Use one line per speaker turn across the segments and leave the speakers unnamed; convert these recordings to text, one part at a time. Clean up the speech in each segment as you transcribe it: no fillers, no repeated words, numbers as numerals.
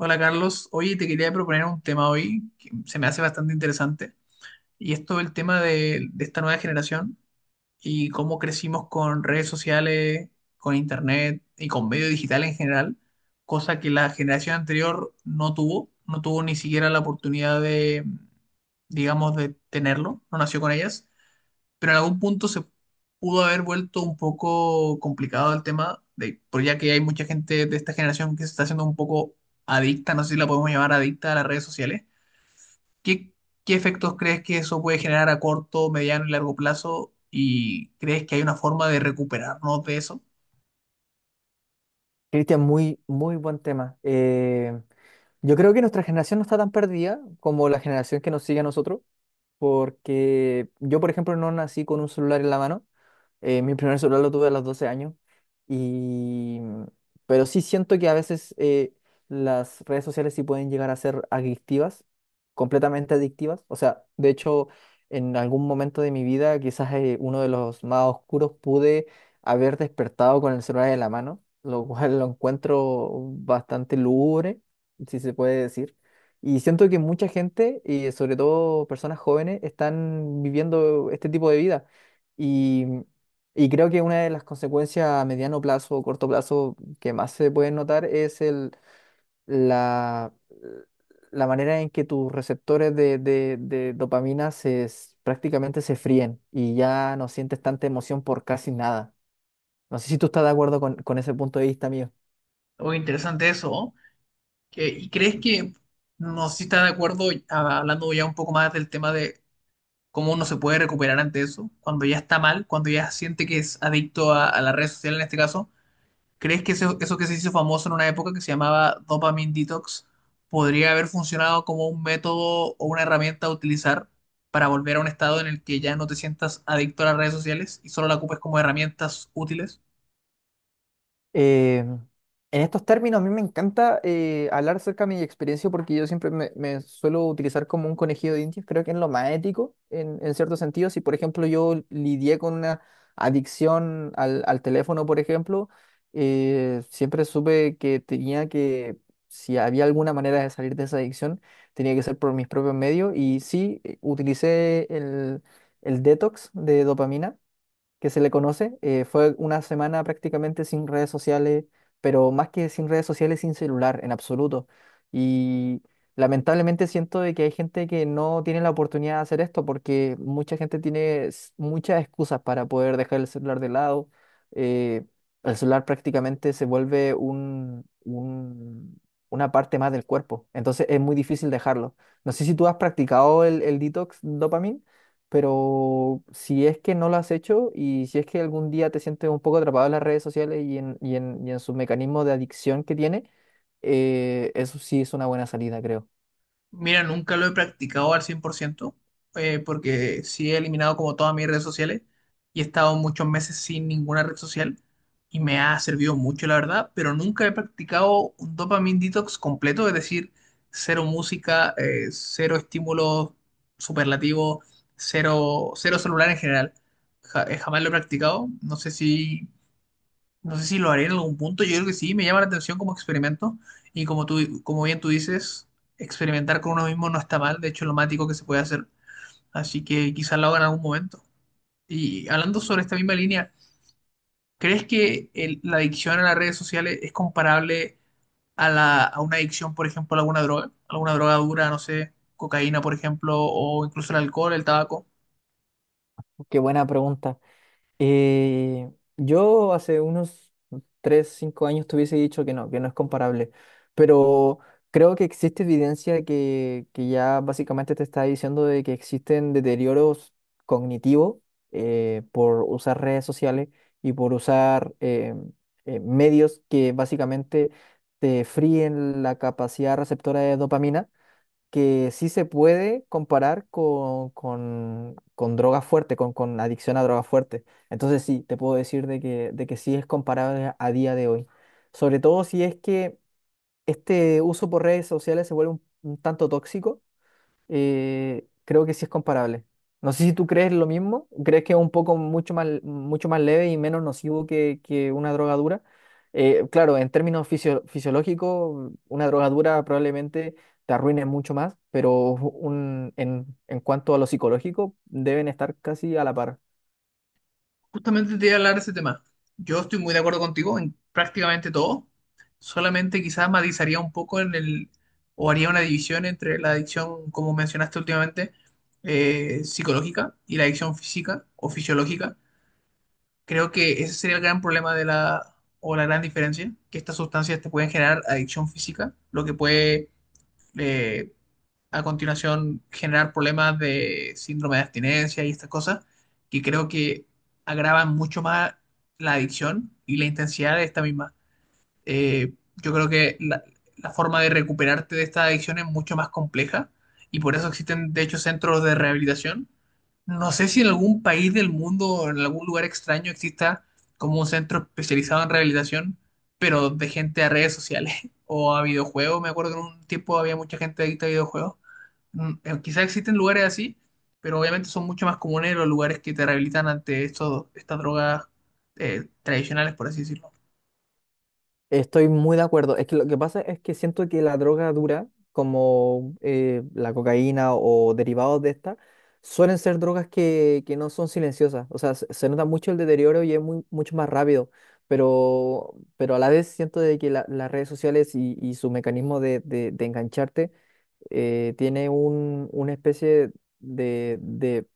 Hola Carlos, oye, te quería proponer un tema hoy que se me hace bastante interesante y es todo el tema de esta nueva generación y cómo crecimos con redes sociales, con internet y con medio digital en general, cosa que la generación anterior no tuvo, no tuvo ni siquiera la oportunidad de, digamos, de tenerlo, no nació con ellas pero en algún punto se pudo haber vuelto un poco complicado el tema, de, por ya que hay mucha gente de esta generación que se está haciendo un poco adicta, no sé si la podemos llamar adicta a las redes sociales. ¿Qué, qué efectos crees que eso puede generar a corto, mediano y largo plazo? ¿Y crees que hay una forma de recuperarnos de eso?
Cristian, muy buen tema. Yo creo que nuestra generación no está tan perdida como la generación que nos sigue a nosotros, porque yo, por ejemplo, no nací con un celular en la mano. Mi primer celular lo tuve a los 12 años. Y, mm, pero sí siento que a veces las redes sociales sí pueden llegar a ser adictivas, completamente adictivas. O sea, de hecho, en algún momento de mi vida, quizás uno de los más oscuros, pude haber despertado con el celular en la mano, lo cual lo encuentro bastante lúgubre, si se puede decir. Y siento que mucha gente, y sobre todo personas jóvenes, están viviendo este tipo de vida. Y mm, y creo que una de las consecuencias a mediano plazo o corto plazo que más se pueden notar es la, la manera en que tus receptores de dopamina prácticamente se fríen y ya no sientes tanta emoción por casi nada. No sé si tú estás de acuerdo con ese punto de vista mío.
O interesante eso, ¿no? ¿Y crees que, no sé si estás de acuerdo, hablando ya un poco más del tema de cómo uno se puede recuperar ante eso, cuando ya está mal, cuando ya siente que es adicto a la red social en este caso, ¿crees que eso que se hizo famoso en una época que se llamaba dopamine detox podría haber funcionado como un método o una herramienta a utilizar para volver a un estado en el que ya no te sientas adicto a las redes sociales y solo la ocupes como herramientas útiles?
Eh, en estos términos, a mí me encanta hablar acerca de mi experiencia porque yo siempre me suelo utilizar como un conejillo de indias. Creo que es lo más ético en cierto sentido. Si, por ejemplo, yo lidié con una adicción al teléfono, por ejemplo, siempre supe que tenía que, si había alguna manera de salir de esa adicción, tenía que ser por mis propios medios. Y sí, utilicé el detox de dopamina que se le conoce. Fue una semana prácticamente sin redes sociales, pero más que sin redes sociales, sin celular en absoluto. Y lamentablemente siento de que hay gente que no tiene la oportunidad de hacer esto porque mucha gente tiene muchas excusas para poder dejar el celular de lado. eh, el celular prácticamente se vuelve una parte más del cuerpo, entonces es muy difícil dejarlo. No sé si tú has practicado el detox dopamina, pero si es que no lo has hecho y si es que algún día te sientes un poco atrapado en las redes sociales y en sus mecanismos de adicción que tiene, eso sí es una buena salida, creo.
Mira, nunca lo he practicado al 100%, porque sí he eliminado como todas mis redes sociales y he estado muchos meses sin ninguna red social y me ha servido mucho, la verdad, pero nunca he practicado un dopamine detox completo, es decir, cero música, cero estímulos superlativos, cero, cero celular en general. Jamás lo he practicado, no sé si lo haré en algún punto, yo creo que sí, me llama la atención como experimento y como tú, como bien tú dices, experimentar con uno mismo no está mal, de hecho es lo más ético que se puede hacer, así que quizás lo haga en algún momento. Y hablando sobre esta misma línea, ¿crees que la adicción a las redes sociales es comparable a, la, a una adicción, por ejemplo, a alguna droga? ¿Alguna droga dura, no sé, cocaína, por ejemplo, o incluso el alcohol, el tabaco?
Qué buena pregunta. Eh, yo hace unos 3 5 años te hubiese dicho que no es comparable, pero creo que existe evidencia que ya básicamente te está diciendo de que existen deterioros cognitivos por usar redes sociales y por usar medios que básicamente te fríen la capacidad receptora de dopamina, que sí se puede comparar con droga fuerte, con adicción a droga fuerte. Entonces sí, te puedo decir de que sí es comparable a día de hoy. Sobre todo si es que este uso por redes sociales se vuelve un tanto tóxico, creo que sí es comparable. No sé si tú crees lo mismo, crees que es un poco mucho más leve y menos nocivo que una droga dura. Claro, en términos fisiológicos, una droga dura probablemente te arruine mucho más, pero en cuanto a lo psicológico, deben estar casi a la par.
Justamente te iba a hablar de ese tema. Yo estoy muy de acuerdo contigo en prácticamente todo. Solamente quizás matizaría un poco en el, o haría una división entre la adicción, como mencionaste últimamente, psicológica y la adicción física o fisiológica. Creo que ese sería el gran problema de la, o la gran diferencia, que estas sustancias te pueden generar adicción física, lo que puede eh, a continuación generar problemas de síndrome de abstinencia y estas cosas, que creo que agravan mucho más la adicción y la intensidad de esta misma. Eh, yo creo que la forma de recuperarte de esta adicción es mucho más compleja y por eso existen, de hecho, centros de rehabilitación. No sé si en algún país del mundo o en algún lugar extraño exista como un centro especializado en rehabilitación, pero de gente a redes sociales o a videojuegos. Me acuerdo que en un tiempo había mucha gente adicta a videojuegos. Quizás existen lugares así, pero obviamente son mucho más comunes los lugares que te rehabilitan ante estos, estas drogas tradicionales, por así decirlo.
Estoy muy de acuerdo. Es que lo que pasa es que siento que la droga dura, como la cocaína o derivados de esta, suelen ser drogas que no son silenciosas. O sea, se nota mucho el deterioro y es muy, mucho más rápido. Pero a la vez siento de que las redes sociales y su mecanismo de engancharte tiene una especie de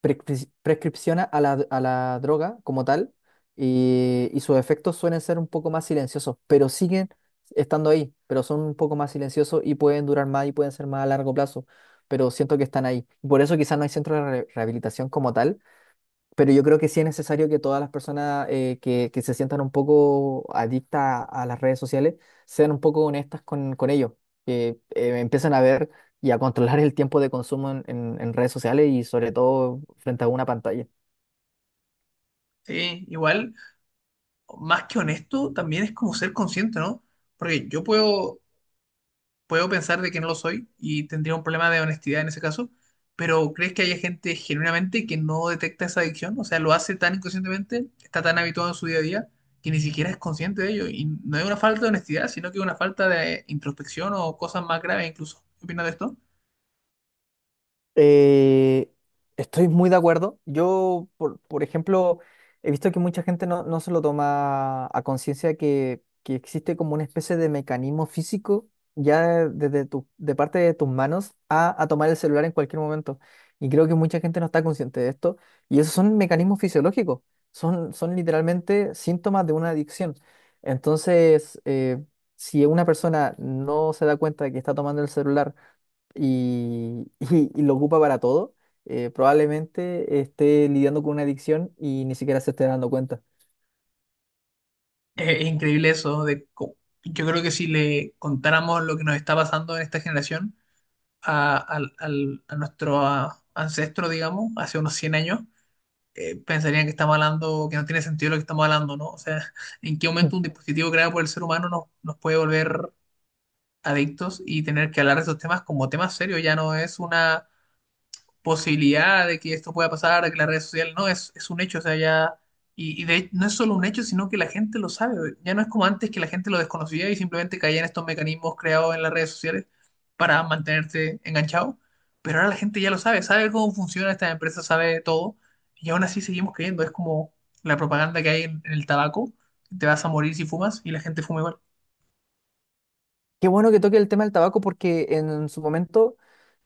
prescripciona a a la droga como tal y sus efectos suelen ser un poco más silenciosos, pero siguen estando ahí, pero son un poco más silenciosos y pueden durar más y pueden ser más a largo plazo, pero siento que están ahí. Por eso quizás no hay centro de rehabilitación como tal, pero yo creo que sí es necesario que todas las personas que se sientan un poco adictas a las redes sociales, sean un poco honestas con ello, que empiecen a ver y a controlar el tiempo de consumo en redes sociales y sobre todo frente a una pantalla.
Sí, igual más que honesto, también es como ser consciente, ¿no? Porque yo puedo, puedo pensar de que no lo soy y tendría un problema de honestidad en ese caso, pero ¿crees que haya gente genuinamente que no detecta esa adicción? O sea, lo hace tan inconscientemente, está tan habituado en su día a día, que ni siquiera es consciente de ello. Y no es una falta de honestidad, sino que es una falta de introspección o cosas más graves incluso. ¿Qué opinas de esto?
Eh, Estoy muy de acuerdo. Yo, por ejemplo, he visto que mucha gente no se lo toma a conciencia que existe como una especie de mecanismo físico ya desde tu, de parte de tus manos a tomar el celular en cualquier momento. Y creo que mucha gente no está consciente de esto. Y esos son mecanismos fisiológicos. Son literalmente síntomas de una adicción. Entonces, si una persona no se da cuenta de que está tomando el celular, y, y lo ocupa para todo, probablemente esté lidiando con una adicción y ni siquiera se esté dando cuenta.
Es increíble eso de... Yo creo que si le contáramos lo que nos está pasando en esta generación, a nuestro ancestro, digamos, hace unos 100 años, pensarían que estamos hablando, que no tiene sentido lo que estamos hablando, ¿no? O sea, ¿en qué
Mm.
momento un dispositivo creado por el ser humano nos, nos puede volver adictos y tener que hablar de esos temas como temas serios? Ya no es una posibilidad de que esto pueda pasar, de que las redes sociales, no, es un hecho, o sea, ya, y, no es solo un hecho, sino que la gente lo sabe, ya no es como antes que la gente lo desconocía y simplemente caía en estos mecanismos creados en las redes sociales para mantenerte enganchado, pero ahora la gente ya lo sabe, sabe cómo funciona esta empresa, sabe todo, y aún así seguimos creyendo, es como la propaganda que hay en el tabaco, te vas a morir si fumas y la gente fuma igual.
Qué bueno que toque el tema del tabaco porque en su momento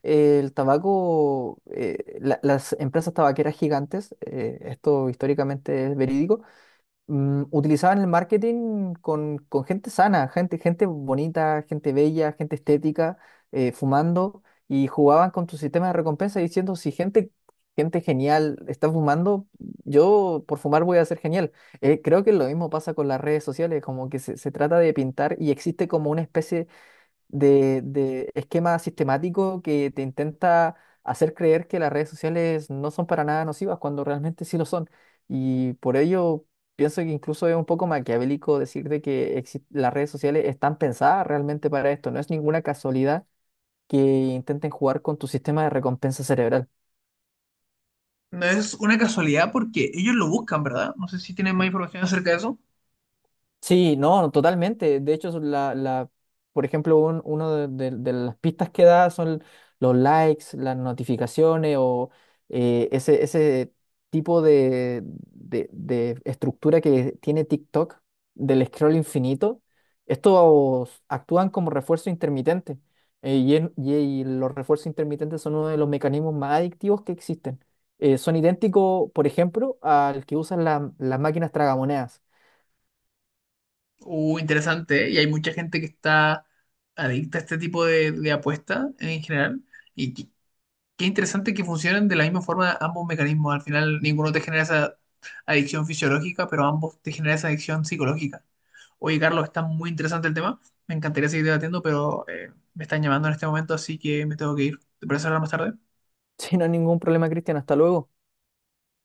el tabaco, las empresas tabaqueras gigantes, esto históricamente es verídico, utilizaban el marketing con gente sana, gente bonita, gente bella, gente estética, fumando, y jugaban con tu sistema de recompensa diciendo, si gente, gente genial está fumando, yo por fumar voy a ser genial. Creo que lo mismo pasa con las redes sociales, como que se trata de pintar y existe como una especie de esquema sistemático que te intenta hacer creer que las redes sociales no son para nada nocivas cuando realmente sí lo son. Y por ello pienso que incluso es un poco maquiavélico decir de que las redes sociales están pensadas realmente para esto. No es ninguna casualidad que intenten jugar con tu sistema de recompensa cerebral.
No es una casualidad porque ellos lo buscan, ¿verdad? No sé si tienen más información acerca de eso.
Sí, no, totalmente. De hecho, son por ejemplo, uno de las pistas que da son los likes, las notificaciones o ese tipo de estructura que tiene TikTok del scroll infinito. Estos actúan como refuerzo intermitente, y los refuerzos intermitentes son uno de los mecanismos más adictivos que existen. Son idénticos, por ejemplo, al que usan las máquinas tragamonedas.
Interesante, ¿eh? Y hay mucha gente que está adicta a este tipo de apuestas en general. Y qué, qué interesante que funcionen de la misma forma ambos mecanismos. Al final, ninguno te genera esa adicción fisiológica, pero ambos te generan esa adicción psicológica. Oye, Carlos, está muy interesante el tema. Me encantaría seguir debatiendo, pero me están llamando en este momento, así que me tengo que ir. ¿Te parece hablar más tarde?
Sin ningún problema, Cristian. Hasta luego.